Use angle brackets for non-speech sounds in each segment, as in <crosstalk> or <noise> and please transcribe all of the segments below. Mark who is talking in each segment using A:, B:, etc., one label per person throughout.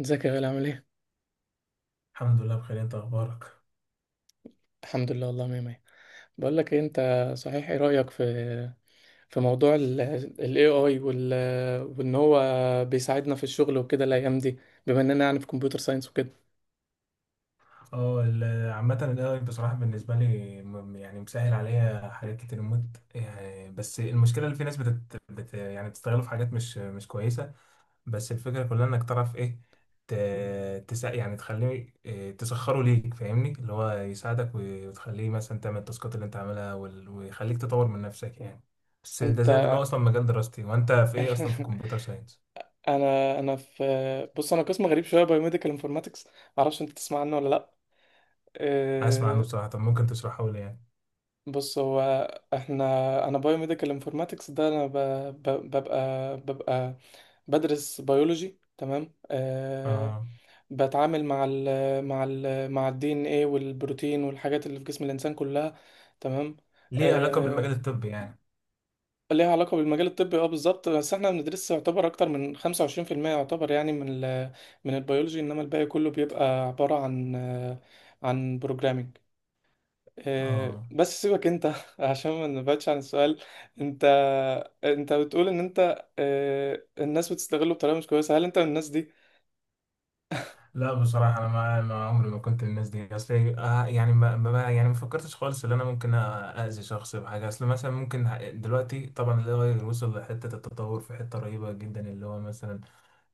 A: ازيك يا غالي عامل ايه؟
B: الحمد لله بخير، انت اخبارك؟
A: الحمد لله والله مية مية. بقول لك ايه انت، صحيح ايه رأيك في في موضوع ال ال AI وان هو بيساعدنا في الشغل وكده الايام دي، بما اننا يعني في كمبيوتر ساينس وكده.
B: عامة الاي بصراحة بالنسبة لي يعني مسهل عليا حاجات كتير موت. يعني بس المشكلة اللي في ناس بتت بت يعني بتستغله في حاجات مش كويسة. بس الفكرة كلها انك تعرف ايه، ت... تس يعني تخليه تسخره ليك، فاهمني، اللي هو يساعدك وتخليه مثلا تعمل التاسكات اللي انت عاملها ويخليك تطور من نفسك يعني. بس ده
A: انت
B: زائد ان هو اصلا مجال دراستي، وانت في ايه اصلا؟ في
A: <laughs>
B: كمبيوتر ساينس.
A: انا في، بص انا قسم غريب شوية بايوميديكال انفورماتكس، معرفش انت تسمع عنه ولا لا.
B: اسمع عنه
A: إيه،
B: بصراحة، طب ممكن تشرحه لي يعني؟
A: بص هو احنا انا بايوميديكال انفورماتكس ده انا ببقى بدرس بيولوجي، تمام آه،
B: اه.
A: بتعامل مع ال مع الدي ان ايه والبروتين والحاجات اللي في جسم الانسان كلها، تمام.
B: ليه علاقة بالمجال
A: آه
B: الطبي يعني؟
A: ليها علاقه بالمجال الطبي اه بالظبط، بس احنا بندرس يعتبر اكتر من 25%، يعتبر يعني من ال من البيولوجي، انما الباقي كله بيبقى عباره عن عن بروجرامينج. آه
B: اه.
A: بس سيبك انت <laughs> عشان ما نبعدش عن السؤال. انت انت بتقول ان انت آه الناس بتستغله بطريقه مش كويسه، هل انت من الناس دي؟
B: لا بصراحة أنا ما عمري ما كنت من الناس دي، أصل ما فكرتش خالص إن أنا ممكن أأذي شخص بحاجة. أصل مثلا ممكن دلوقتي طبعا ال AI وصل لحتة التطور في حتة رهيبة جدا، اللي هو مثلا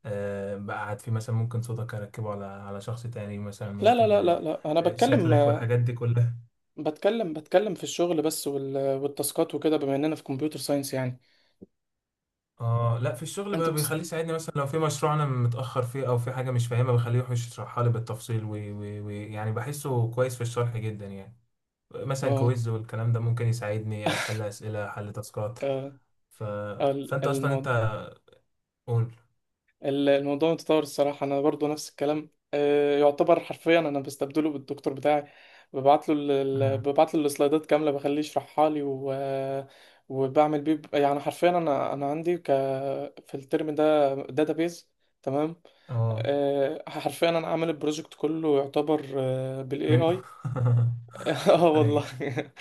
B: آه بقى قاعد فيه، مثلا ممكن صوتك أركبه على على شخص تاني، مثلا
A: لا لا
B: ممكن
A: لا لا لا، انا
B: آه،
A: بتكلم
B: شكلك والحاجات دي كلها.
A: بتكلم في الشغل بس، والتاسكات وكده، بما اننا في كمبيوتر ساينس يعني.
B: اه لا في الشغل
A: انت
B: بقى بيخليه
A: بتست...
B: يساعدني، مثلا لو في مشروع انا متاخر فيه او في حاجه مش فاهمها بخليه يخش يشرحها لي بالتفصيل، ويعني بحسه كويس في الشرح جدا يعني. مثلا
A: اه
B: كويز والكلام ده ممكن يساعدني حل اسئله، حل تاسكات.
A: آه،
B: ف...
A: ال-
B: فانت اصلا انت
A: المو...
B: قول.
A: الموضوع متطور الصراحة، انا برضو نفس الكلام آه، يعتبر حرفيا انا بستبدله بالدكتور بتاعي،
B: مم.
A: ببعت له السلايدات كاملة، بخليه يشرحها لي وبعمل بيه يعني حرفيا، انا عندي في الترم ده داتابيز، تمام
B: اه
A: آه، حرفيا انا عامل البروجكت كله يعتبر بالاي
B: من.
A: اي.
B: <laughs>
A: <laughs> اه والله.
B: اي.
A: <laughs>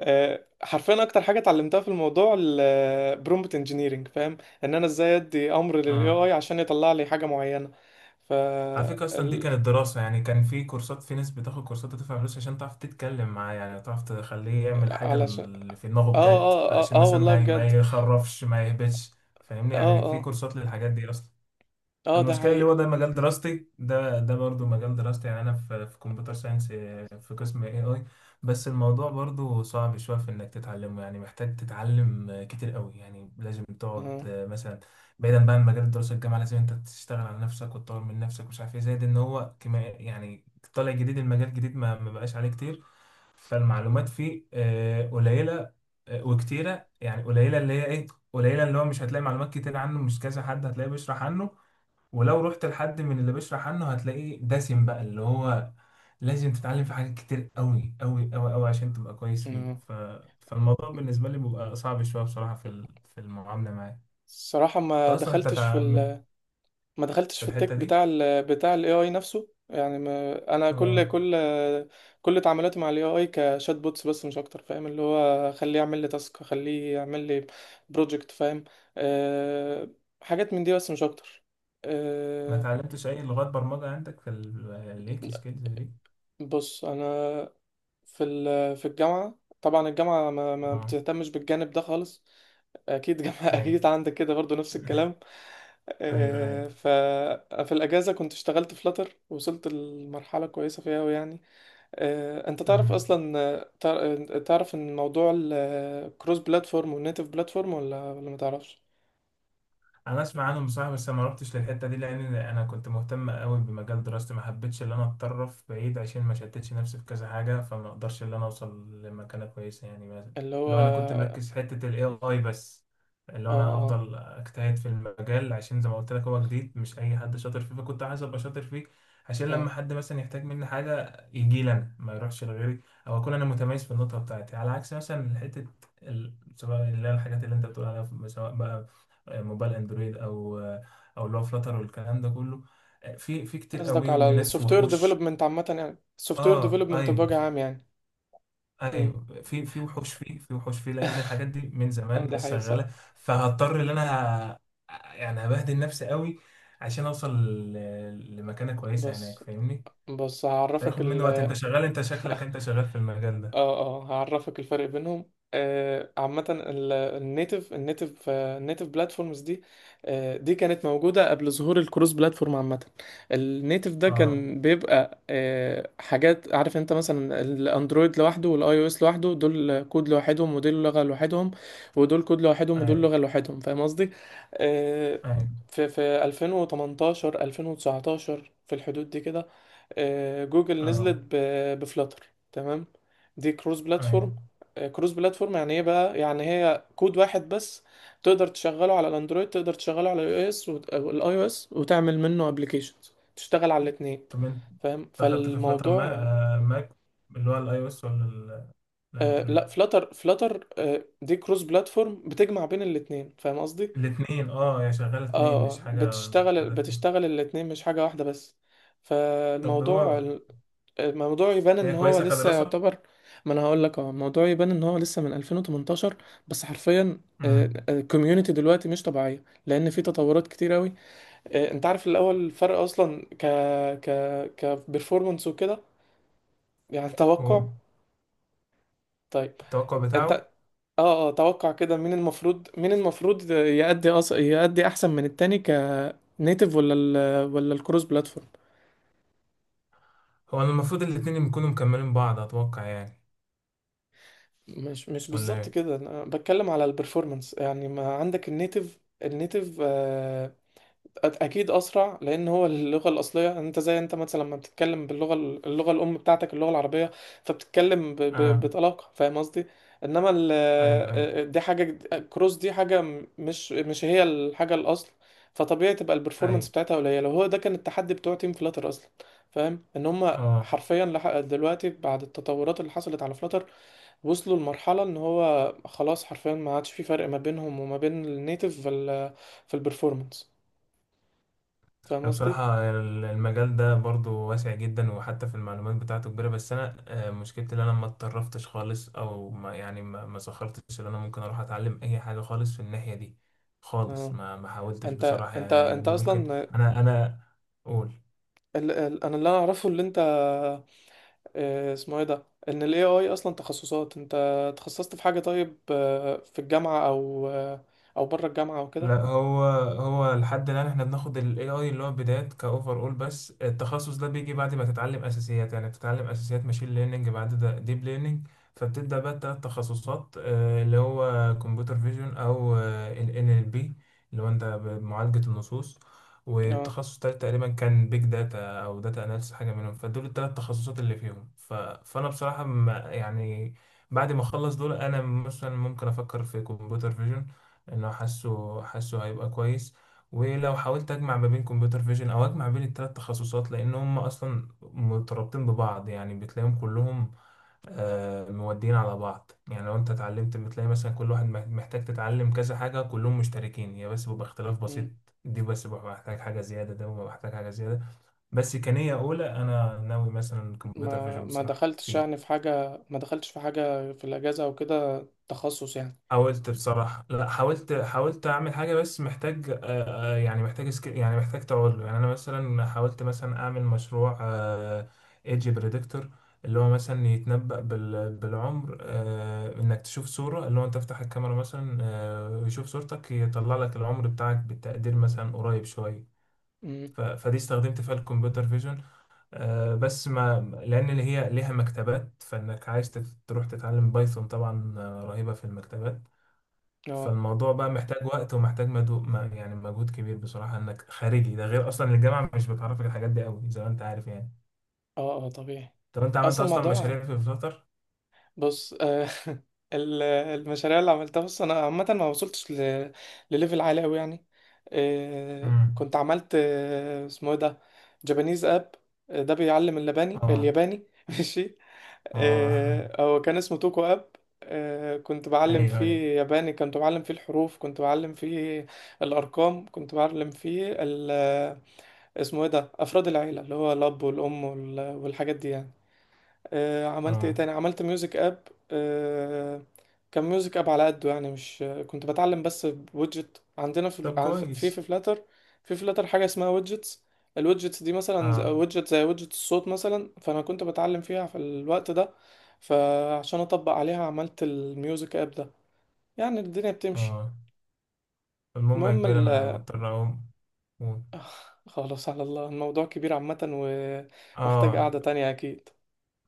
A: آه، حرفيا اكتر حاجه اتعلمتها في الموضوع البرومبت انجينيرنج، فاهم، ان انا ازاي ادي امر للاي
B: اه
A: اي عشان يطلع لي حاجه معينه. ف
B: على فكرة أصلا دي
A: ال...
B: كانت دراسة، يعني كان في كورسات، في ناس بتاخد كورسات وتدفع فلوس عشان تعرف تتكلم معاه، يعني تعرف تخليه يعمل حاجة
A: علشان
B: اللي في دماغه
A: اه
B: بجد،
A: اه اه
B: عشان
A: اه
B: مثلا
A: والله
B: ما
A: بجد.
B: يخرفش ما يهبطش. فاهمني،
A: اه
B: يعني في
A: اه
B: كورسات للحاجات دي أصلا.
A: اه ده
B: المشكلة اللي
A: حقيقه.
B: هو ده مجال دراستي، ده برضو مجال دراستي، يعني أنا في في كمبيوتر ساينس، في قسم اي اي. بس الموضوع برضو صعب شوية في إنك تتعلمه، يعني محتاج تتعلم كتير قوي، يعني لازم تقعد
A: اه
B: آه، مثلا بعيدا بقى عن مجال الدراسة الجامعة، لازم أنت تشتغل على نفسك وتطور من نفسك ومش عارف إيه، زائد إن هو كما يعني طالع جديد، المجال جديد ما بقاش عليه كتير. فالمعلومات فيه آه، قليلة آه، وكتيرة، يعني قليلة اللي هي إيه، قليلة اللي هو مش هتلاقي معلومات كتير عنه، مش كذا حد هتلاقيه بيشرح عنه، ولو رحت لحد من اللي بيشرح عنه هتلاقيه دسم، بقى اللي هو لازم تتعلم في حاجات كتير قوي عشان تبقى كويس فيه.
A: آه.
B: فالموضوع بالنسبة لي بيبقى صعب شوية بصراحة في في المعاملة معاه.
A: الصراحه
B: انت
A: ما
B: اصلا انت
A: دخلتش في
B: تع...
A: ال،
B: مت-
A: ما دخلتش
B: في
A: في
B: الحتة
A: التك
B: دي.
A: بتاع ال بتاع الاي اي نفسه يعني، ما انا كل
B: اه
A: كل كل تعاملاتي مع الاي اي كشات بوتس بس مش اكتر، فاهم، اللي هو خليه يعمل لي تاسك، خليه يعمل لي بروجكت، فاهم أه. حاجات من دي بس مش اكتر
B: ما
A: أه.
B: اتعلمتش اي لغات برمجة عندك في الليك سكيلز دي؟
A: بص انا في الجامعة طبعا، الجامعة ما
B: اه
A: بتهتمش بالجانب ده خالص. أكيد جامعة <laughs>
B: ايوه.
A: أكيد عندك كده برضو نفس الكلام.
B: <laughs> ايوه
A: آه،
B: ايوه.
A: ففي الأجازة كنت اشتغلت في فلاتر، وصلت لمرحلة كويسة فيها أوي يعني. آه، أنت تعرف
B: مم.
A: أصلا آه، تعرف إن موضوع الكروس بلاتفورم والنيتف بلاتفورم، ولا ما تعرفش؟
B: انا اسمع عنهم بصراحه، بس انا ما رحتش للحته دي لان انا كنت مهتم قوي بمجال دراستي، ما حبيتش ان انا اتطرف بعيد عشان ما شتتش نفسي في كذا حاجه، فما اقدرش ان انا اوصل لمكانه كويسه يعني. مثلا
A: اللي هو
B: لو انا كنت
A: اه.
B: مركز في حته الاي اي بس، اللي هو انا
A: اه
B: افضل اجتهد في المجال عشان زي ما قلت لك هو جديد، مش اي حد شاطر فيه، فكنت عايز ابقى شاطر فيه عشان
A: اه
B: لما حد مثلا يحتاج مني حاجه يجي لي انا ما يروحش لغيري. او اكون انا متميز في النقطه بتاعتي على عكس مثلا حته سواء اللي هي الحاجات اللي انت بتقول عليها، سواء بقى موبايل اندرويد او او اللي هو فلاتر والكلام ده كله، في في كتير
A: قصدك
B: قوي
A: على
B: وناس
A: السوفت وير
B: وحوش.
A: ديفلوبمنت عامة، يعني السوفت وير
B: اه
A: ديفلوبمنت
B: ايوه.
A: بوجه عام يعني. امم
B: ايوه في في وحوش فيه، في وحوش فيه لان الحاجات دي من
A: اه،
B: زمان
A: ده
B: ناس
A: حقيقي
B: شغاله.
A: الصراحة.
B: فهضطر ان انا يعني هبهدل نفسي قوي عشان اوصل لمكانه كويسه هناك،
A: بس
B: فاهمني.
A: بص
B: فياخد مني وقت، انت شغال، انت
A: <laughs>
B: شكلك انت شغال في المجال ده.
A: اه اه هعرفك الفرق بينهم آه. عامة النيتف آه، النيتف بلاتفورمز دي آه، دي كانت موجودة قبل ظهور الكروس بلاتفورم عامة. النيتف ده
B: اه
A: كان بيبقى آه حاجات، عارف انت مثلا الاندرويد لوحده والاي او اس لوحده، دول كود لوحدهم ودول لغة لوحدهم، ودول كود لوحدهم ودول
B: ايوه
A: لغة لوحدهم، فاهم قصدي؟ آه.
B: ايوه.
A: في في 2018 2019 في الحدود دي كده، آه جوجل نزلت
B: اه
A: بفلاتر، تمام. دي كروس
B: ايوه.
A: بلاتفورم آه، كروس بلاتفورم يعني ايه بقى، يعني هي كود واحد بس، تقدر تشغله على الاندرويد، تقدر تشغله على الاي او اس والاي او اس، وتعمل منه ابلكيشنز تشتغل على الاثنين،
B: طب انت
A: فاهم؟
B: اخدت في فلاتر ماك،
A: فالموضوع
B: ماك اللي هو الاي او اس ولا
A: آه، لا
B: الاندرويد؟
A: فلاتر فلاتر آه، دي كروس بلاتفورم بتجمع بين الاثنين، فاهم قصدي؟
B: الاثنين؟ اه هي شغاله
A: اه
B: اثنين مش
A: آه،
B: حاجه
A: بتشتغل
B: مفردة فيهم.
A: بتشتغل الاثنين مش حاجة واحدة بس.
B: طب
A: فالموضوع
B: هو
A: الموضوع يبان
B: هي
A: ان هو
B: كويسه
A: لسه
B: كدراسه.
A: يعتبر، ما انا هقول لك اه، الموضوع يبان ان هو لسه من 2018 بس، حرفيا
B: امم.
A: الكوميونتي دلوقتي مش طبيعيه، لان في تطورات كتير قوي. انت عارف الاول الفرق اصلا ك ك كبرفورمانس وكده، يعني
B: هو
A: توقع. طيب
B: التوقع
A: انت
B: بتاعه،
A: اه اه توقع كده، مين المفروض مين المفروض يأدي يأدي احسن من التاني، كنيتف ولا الكروس بلاتفورم؟
B: هو أنا المفروض الاثنين يكونوا مكملين بعض اتوقع يعني،
A: مش
B: ولا
A: بالظبط
B: ايه؟
A: كده، انا بتكلم على البرفورمانس، يعني ما عندك النيتف آه، اكيد اسرع لان هو اللغه الاصليه، يعني انت زي انت مثلا لما بتتكلم اللغه الام بتاعتك، اللغه العربيه، فبتتكلم
B: اه
A: بطلاقه، فاهم قصدي؟ انما
B: ايوه ايوه
A: دي حاجه كروس، دي حاجه مش هي الحاجه الاصل. فطبيعي تبقى
B: ايوه.
A: البرفورمانس بتاعتها قليله، هو ده كان التحدي بتوع تيم فلاتر اصلا، فاهم ان هم
B: اه
A: حرفيا لحق دلوقتي بعد التطورات اللي حصلت على فلاتر، وصلوا لمرحلة ان هو خلاص حرفيا ما عادش في فرق ما بينهم وما بين النيتف في ال في البرفورمانس، فاهم
B: أنا
A: قصدي؟
B: بصراحة المجال ده برضو واسع جدا وحتى في المعلومات بتاعته كبيرة، بس أنا آه، مشكلتي إن أنا ما اتطرفتش خالص، أو ما سخرتش إن أنا ممكن أروح أتعلم أي حاجة خالص في الناحية دي خالص.
A: اه.
B: ما حاولتش
A: انت
B: بصراحة،
A: انت
B: يعني
A: انت
B: ممكن.
A: اصلا
B: أنا قول.
A: ال ال انا اللي انا اعرفه اللي انت آه، اسمه ايه ده، ان الاي اي اصلا تخصصات، انت تخصصت في حاجة، طيب آه، في الجامعة او آه، او بره الجامعة او كده؟
B: لا هو لحد الآن احنا بناخد ال AI اللي هو بدايات كأوفر أول، بس التخصص ده بيجي بعد ما تتعلم أساسيات، يعني بتتعلم أساسيات ماشين ليرنينج، بعد ده ديب ليرنينج، فبتبدأ بقى التلات تخصصات آه، اللي هو كمبيوتر فيجن أو آه، ال NLP اللي هو أنت بمعالجة النصوص،
A: اه
B: والتخصص التالت تقريبا كان بيج داتا أو داتا أناليسيس، حاجة منهم. فدول التلات تخصصات اللي فيهم. فأنا بصراحة يعني بعد ما اخلص دول انا مثلا ممكن افكر في كمبيوتر فيجن، انه حاسه حاسه هيبقى كويس، ولو حاولت اجمع ما بين كمبيوتر فيجن او اجمع بين الثلاث تخصصات لان هم اصلا مترابطين ببعض، يعني بتلاقيهم كلهم آه، مودين على بعض، يعني لو انت اتعلمت بتلاقي مثلا كل واحد محتاج تتعلم كذا حاجة، كلهم مشتركين، هي بس بيبقى اختلاف بسيط.
A: مم.
B: دي بس ببقى محتاج حاجة زيادة، ده ببقى محتاج حاجة زيادة. بس كنية أولى أنا ناوي مثلا كمبيوتر
A: ما
B: فيجن
A: ما
B: بصراحة
A: دخلتش يعني
B: فيه.
A: في حاجة، ما دخلتش في حاجة في الاجازة او كده، تخصص يعني؟
B: حاولت بصراحة، لا حاولت أعمل حاجة، بس محتاج آه، آه، يعني محتاج يعني محتاج تعود له، يعني أنا مثلا حاولت مثلا أعمل مشروع ايدج بريدكتور اللي هو مثلا يتنبأ بالعمر آه، إنك تشوف صورة، اللي هو أنت تفتح الكاميرا مثلا آه، ويشوف صورتك يطلع لك العمر بتاعك بالتقدير مثلا قريب شوية.
A: مم.
B: فدي استخدمت فيها الكمبيوتر فيجن آه، بس ما، لأن اللي هي ليها مكتبات، فإنك عايز تروح تتعلم بايثون طبعا آه، رهيبة في المكتبات.
A: اه
B: فالموضوع بقى محتاج وقت ومحتاج مدو... ما- يعني مجهود كبير بصراحة انك خارجي، ده غير اصلا الجامعة مش بتعرفك الحاجات دي قوي زي ما انت عارف يعني.
A: اه اه طبيعي.
B: طب انت عملت
A: اصلا
B: اصلا
A: الموضوع
B: مشاريع في الفترة؟
A: بص آه، <laughs> المشاريع اللي عملتها، بص انا عامه ما وصلتش لليفل عالي قوي يعني، آه،
B: امم.
A: كنت عملت آه، اسمه ايه ده، جابانيز اب، ده بيعلم اللباني
B: اه
A: الياباني <laughs> ماشي.
B: اه.
A: آه، هو كان اسمه توكو اب، آه، كنت بعلم
B: ايوه ايوه.
A: فيه ياباني، كنت بعلم فيه الحروف، كنت بعلم فيه الارقام، كنت بعلم فيه اسمه ايه ده افراد العيله، اللي هو الاب والام والحاجات دي يعني. آه، عملت ايه
B: اه.
A: تاني، عملت ميوزك اب آه، كان ميوزك اب على قده يعني، مش كنت بتعلم، بس بويدجت عندنا في
B: طب
A: في
B: كويس.
A: فلاتر. في فلاتر حاجه اسمها ويدجتس، الويدجتس دي مثلا
B: اه
A: ويدجت زي ويدجت الصوت مثلا، فانا كنت بتعلم فيها في الوقت ده، فعشان اطبق عليها عملت الميوزك اب ده، يعني الدنيا بتمشي.
B: اه. المهم يا
A: المهم
B: كبير
A: ال...
B: انا مضطر اقوم و-
A: <laughs> <sighs> خلاص على الله، الموضوع كبير عامه ومحتاج
B: اه
A: قعده تانية اكيد.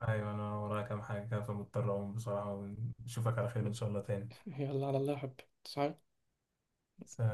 B: ايوه انا ورايا كام حاجة كده فمضطر اقوم بصراحة، ونشوفك على خير ان شاء الله تاني.
A: <laughs> يلا على الله يا حبيبي تصحى.
B: سلام.